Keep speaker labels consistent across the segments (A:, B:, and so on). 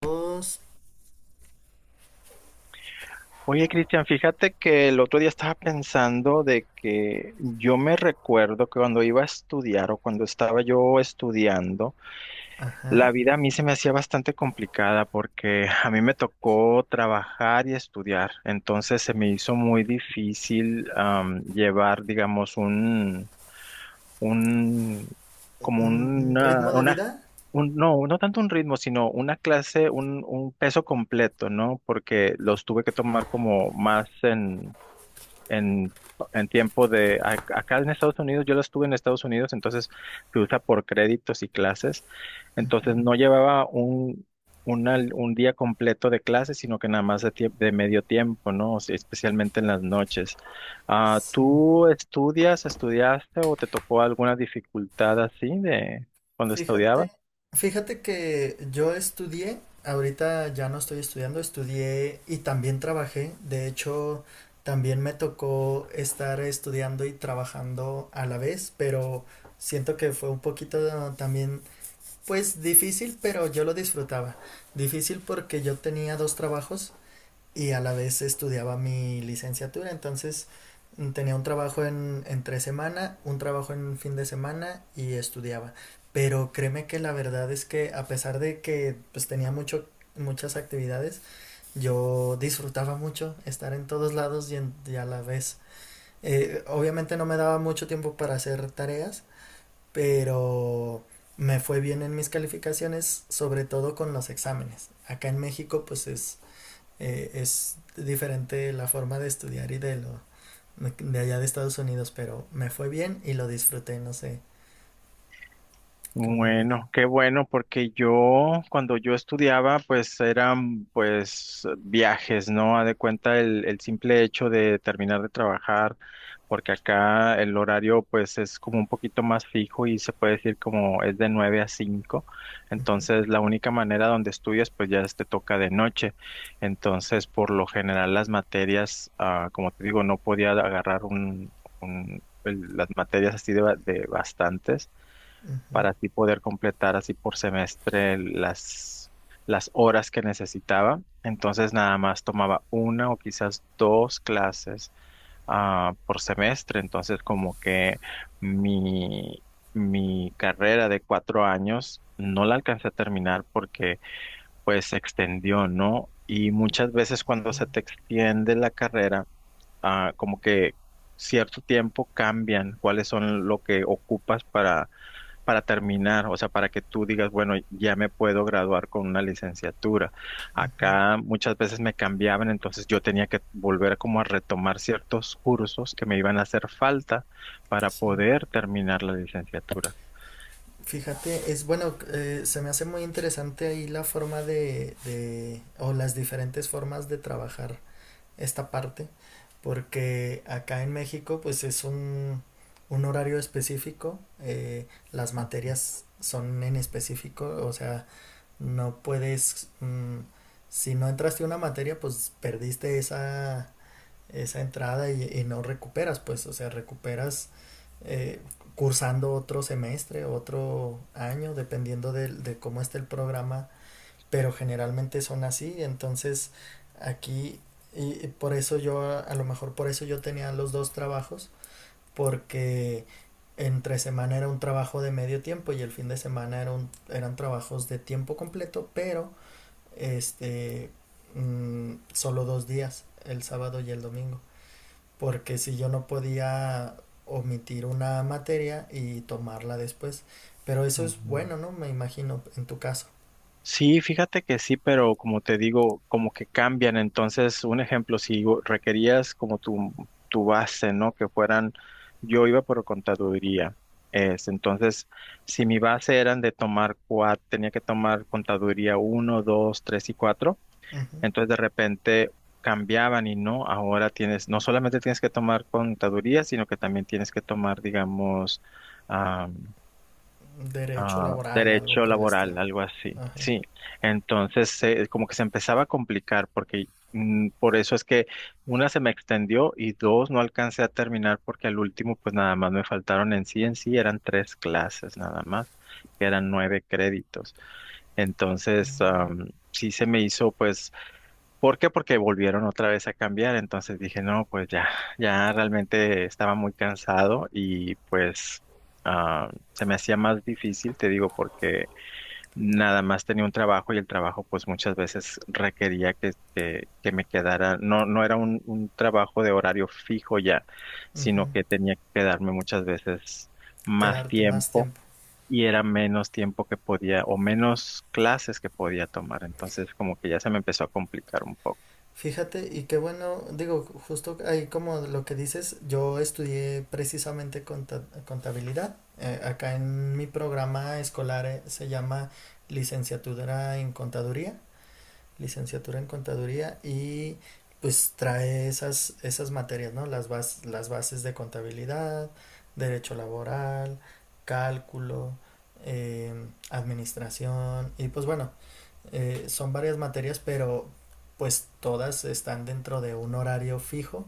A: Dos,
B: Oye, Cristian, fíjate que el otro día estaba pensando de que yo me recuerdo que cuando iba a estudiar o cuando estaba yo estudiando,
A: ajá,
B: la vida a mí se me hacía bastante complicada porque a mí me tocó trabajar y estudiar, entonces se me hizo muy difícil llevar, digamos, un, como
A: un
B: una,
A: ritmo de vida.
B: una, no, no tanto un ritmo, sino una clase, un peso completo, ¿no? Porque los tuve que tomar como más en, en tiempo de, acá en Estados Unidos, yo lo estuve en Estados Unidos, entonces se usa por créditos y clases, entonces no llevaba un día completo de clases, sino que nada más de, de medio tiempo, ¿no? O sea, especialmente en las noches. Ah,
A: Sí.
B: ¿tú estudias, estudiaste o te tocó alguna dificultad así de cuando
A: Fíjate,
B: estudiabas?
A: fíjate que yo estudié, ahorita ya no estoy estudiando, estudié y también trabajé. De hecho, también me tocó estar estudiando y trabajando a la vez, pero siento que fue un poquito también, pues difícil, pero yo lo disfrutaba. Difícil porque yo tenía dos trabajos, y a la vez estudiaba mi licenciatura, entonces tenía un trabajo entre semana, un trabajo en fin de semana y estudiaba. Pero créeme que la verdad es que a pesar de que pues tenía muchas actividades, yo disfrutaba mucho estar en todos lados y, y a la vez. Obviamente no me daba mucho tiempo para hacer tareas, pero me fue bien en mis calificaciones, sobre todo con los exámenes. Acá en México pues es diferente la forma de estudiar y de lo de allá de Estados Unidos, pero me fue bien y lo disfruté, no sé. Como,
B: Bueno, qué bueno, porque yo cuando yo estudiaba, pues eran pues viajes, ¿no? A de cuenta el simple hecho de terminar de trabajar, porque acá el horario pues es como un poquito más fijo y se puede decir como es de 9 a 5. Entonces la única manera donde estudias pues ya te toca de noche, entonces por lo general las materias, como te digo, no podía agarrar las materias así de, de bastantes para así poder completar así por semestre las horas que necesitaba. Entonces nada más tomaba una o quizás dos clases por semestre. Entonces como que mi, mi carrera de 4 años no la alcancé a terminar porque pues se extendió, ¿no? Y muchas veces cuando se te extiende la carrera, como que cierto tiempo cambian cuáles son lo que ocupas para terminar, o sea, para que tú digas, bueno, ya me puedo graduar con una licenciatura. Acá muchas veces me cambiaban, entonces yo tenía que volver como a retomar ciertos cursos que me iban a hacer falta para
A: sí.
B: poder terminar la licenciatura.
A: Fíjate, es bueno, se me hace muy interesante ahí la forma o las diferentes formas de trabajar esta parte, porque acá en México pues es un horario específico, las materias son en específico, o sea, no puedes, si no entraste a una materia, pues perdiste esa entrada y no recuperas, pues, o sea, recuperas eh, cursando otro semestre, otro año, dependiendo de cómo esté el programa, pero generalmente son así, entonces aquí, y, por eso yo, a lo mejor por eso yo tenía los dos trabajos, porque entre semana era un trabajo de medio tiempo y el fin de semana eran trabajos de tiempo completo, pero este, solo dos días, el sábado y el domingo, porque si yo no podía omitir una materia y tomarla después, pero eso es
B: Ujú.
A: bueno, ¿no? Me imagino, en tu caso.
B: Sí, fíjate que sí, pero como te digo, como que cambian. Entonces, un ejemplo, si requerías como tu base, ¿no? Que fueran, yo iba por contaduría. Entonces, si mi base eran de tomar cuatro, tenía que tomar contaduría uno, dos, tres y cuatro.
A: Ujú.
B: Entonces, de repente cambiaban y no, ahora tienes, no solamente tienes que tomar contaduría, sino que también tienes que tomar, digamos,
A: Derecho laboral, algo
B: derecho
A: por el estilo.
B: laboral, algo así. Sí, entonces como que se empezaba a complicar porque por eso es que una se me extendió y dos no alcancé a terminar porque al último pues nada más me faltaron en sí eran tres clases nada más, que eran 9 créditos. Entonces, sí se me hizo pues ¿por qué? Porque volvieron otra vez a cambiar, entonces dije, no, pues ya, ya realmente estaba muy cansado y pues se me hacía más difícil, te digo, porque nada más tenía un trabajo y el trabajo pues muchas veces requería que me quedara, no, no era un trabajo de horario fijo ya,
A: Ujú.
B: sino que tenía que quedarme muchas veces más
A: Quedarte más
B: tiempo.
A: tiempo.
B: Y era menos tiempo que podía, o menos clases que podía tomar. Entonces, como que ya se me empezó a complicar un poco.
A: Fíjate, y qué bueno, digo, justo ahí como lo que dices, yo estudié precisamente contabilidad. Acá en mi programa escolar se llama licenciatura en contaduría, licenciatura en contaduría y pues trae esas, esas materias, ¿no? Las bases de contabilidad, derecho laboral, cálculo, administración y pues bueno, son varias materias, pero pues todas están dentro de un horario fijo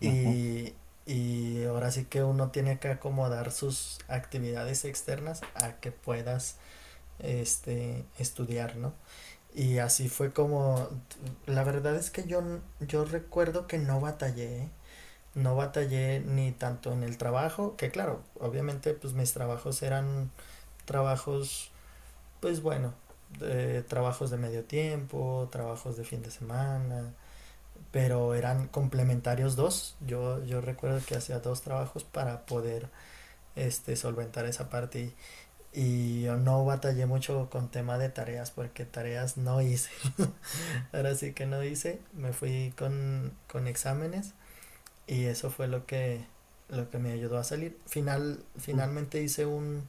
B: Ujú.
A: y, y ahora sí que uno tiene que acomodar sus actividades externas a que puedas estudiar, ¿no? Y así fue como, la verdad es que yo recuerdo que no batallé, ¿eh? No batallé ni tanto en el trabajo, que claro, obviamente pues mis trabajos eran trabajos pues bueno, trabajos de medio tiempo, trabajos de fin de semana, pero eran complementarios dos. Yo recuerdo que hacía dos trabajos para poder solventar esa parte y yo no batallé mucho con tema de tareas porque tareas no hice. Ahora sí que no hice, me fui con exámenes y eso fue lo que me ayudó a salir. Finalmente hice un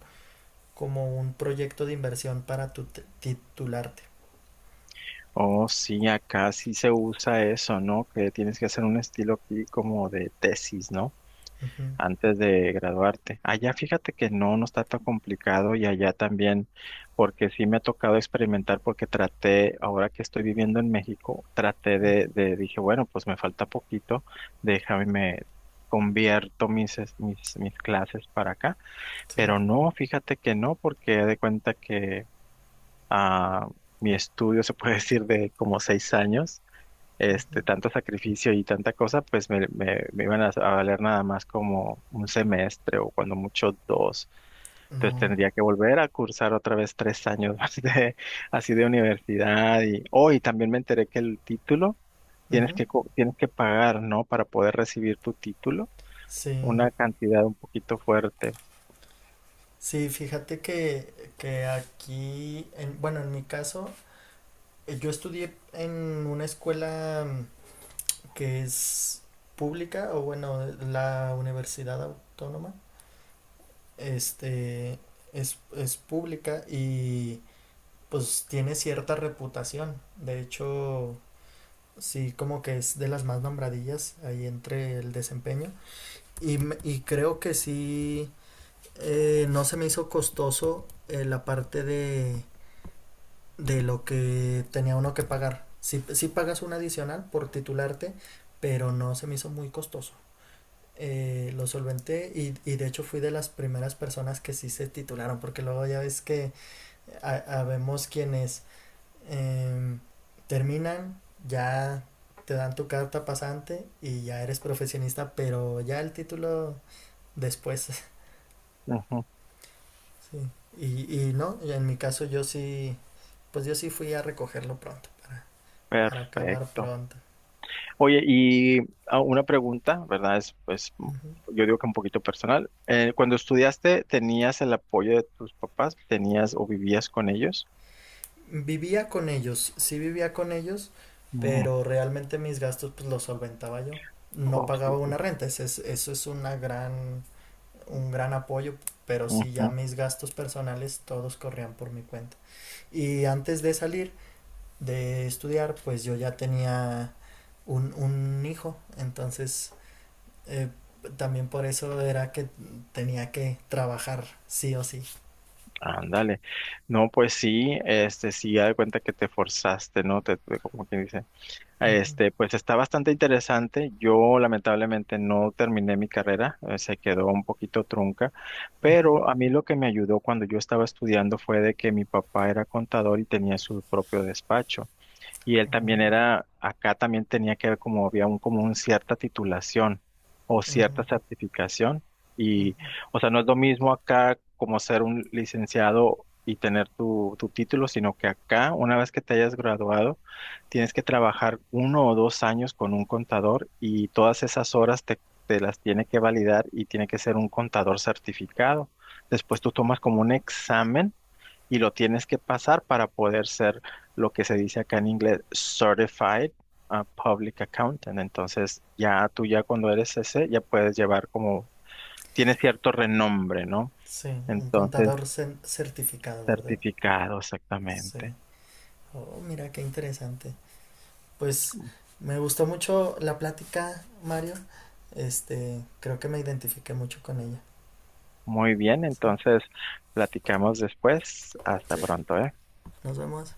A: como un proyecto de inversión para titularte.
B: Oh, sí, acá sí se usa eso, ¿no? Que tienes que hacer un estilo aquí como de tesis, ¿no?
A: Uh -huh.
B: Antes de graduarte. Allá fíjate que no, no está tan complicado y allá también, porque sí me ha tocado experimentar porque traté, ahora que estoy viviendo en México, traté
A: Ujú,
B: de dije, bueno, pues me falta poquito, déjame, me convierto mis clases para acá,
A: sí,
B: pero no, fíjate que no, porque haz de cuenta que a mi estudio, se puede decir, de como 6 años, este,
A: ujú,
B: tanto sacrificio y tanta cosa, pues me iban a valer nada más como un semestre o cuando mucho dos. Entonces
A: no,
B: tendría que volver a cursar otra vez 3 años más de, así de universidad. Y hoy también me enteré que el título
A: ujú,
B: tienes que pagar, ¿no? Para poder recibir tu título,
A: sí,
B: una cantidad un poquito fuerte.
A: sí, fíjate que aquí, bueno, en mi caso, yo estudié en una escuela que es pública, o bueno, la universidad autónoma, este, es pública y pues tiene cierta reputación, de hecho, sí, como que es de las más nombradillas ahí entre el desempeño. Y creo que sí, no se me hizo costoso la parte de lo que tenía uno que pagar. Sí, sí pagas un adicional por titularte, pero no se me hizo muy costoso. Lo solventé y de hecho fui de las primeras personas que sí se titularon, porque luego ya ves que habemos quienes em, terminan, ya te dan tu carta pasante y ya eres profesionista, pero ya el título después.
B: Ujú.
A: Sí, y no, y en mi caso yo sí, pues yo sí fui a recogerlo pronto, para acabar
B: Perfecto.
A: pronto.
B: Oye, y una pregunta, ¿verdad? Es, pues,
A: Ujú.
B: yo digo que un poquito personal. Cuando estudiaste, ¿tenías el apoyo de tus papás? ¿Tenías o vivías con ellos?
A: Vivía con ellos, sí vivía con ellos,
B: Mm.
A: pero realmente mis gastos pues los solventaba yo. No
B: Oh, sí,
A: pagaba
B: sí.
A: una renta, eso es un gran apoyo, pero sí ya
B: Ujú.
A: mis gastos personales todos corrían por mi cuenta. Y antes de salir de estudiar, pues yo ya tenía un hijo, entonces Eh, también por eso era que tenía que trabajar sí o sí.
B: Ándale. No, pues sí, este, sí, ya de cuenta que te forzaste, ¿no? Como quien dice. Este, pues está bastante interesante. Yo lamentablemente no terminé mi carrera, se quedó un poquito trunca, pero a mí lo que me ayudó cuando yo estaba estudiando fue de que mi papá era contador y tenía su propio despacho. Y él
A: Ujú,
B: también era, acá también tenía que ver como había un, como un cierta titulación o
A: ujú.
B: cierta certificación. Y, o sea, no es lo mismo acá como ser un licenciado y tener tu título, sino que acá, una vez que te hayas graduado, tienes que trabajar 1 o 2 años con un contador y todas esas horas te las tiene que validar y tiene que ser un contador certificado. Después tú tomas como un examen y lo tienes que pasar para poder ser lo que se dice acá en inglés Certified Public Accountant. Entonces, ya tú ya cuando eres ese, ya puedes llevar como, tiene cierto renombre, ¿no?
A: Sí, un
B: Entonces,
A: contador certificado, ¿verdad?
B: certificado exactamente.
A: Sí. Oh, mira qué interesante. Pues me gustó mucho la plática, Mario. Este, creo que me identifiqué mucho con ella.
B: Muy bien,
A: Sí.
B: entonces platicamos después. Hasta
A: Sí,
B: pronto, ¿eh?
A: nos vemos.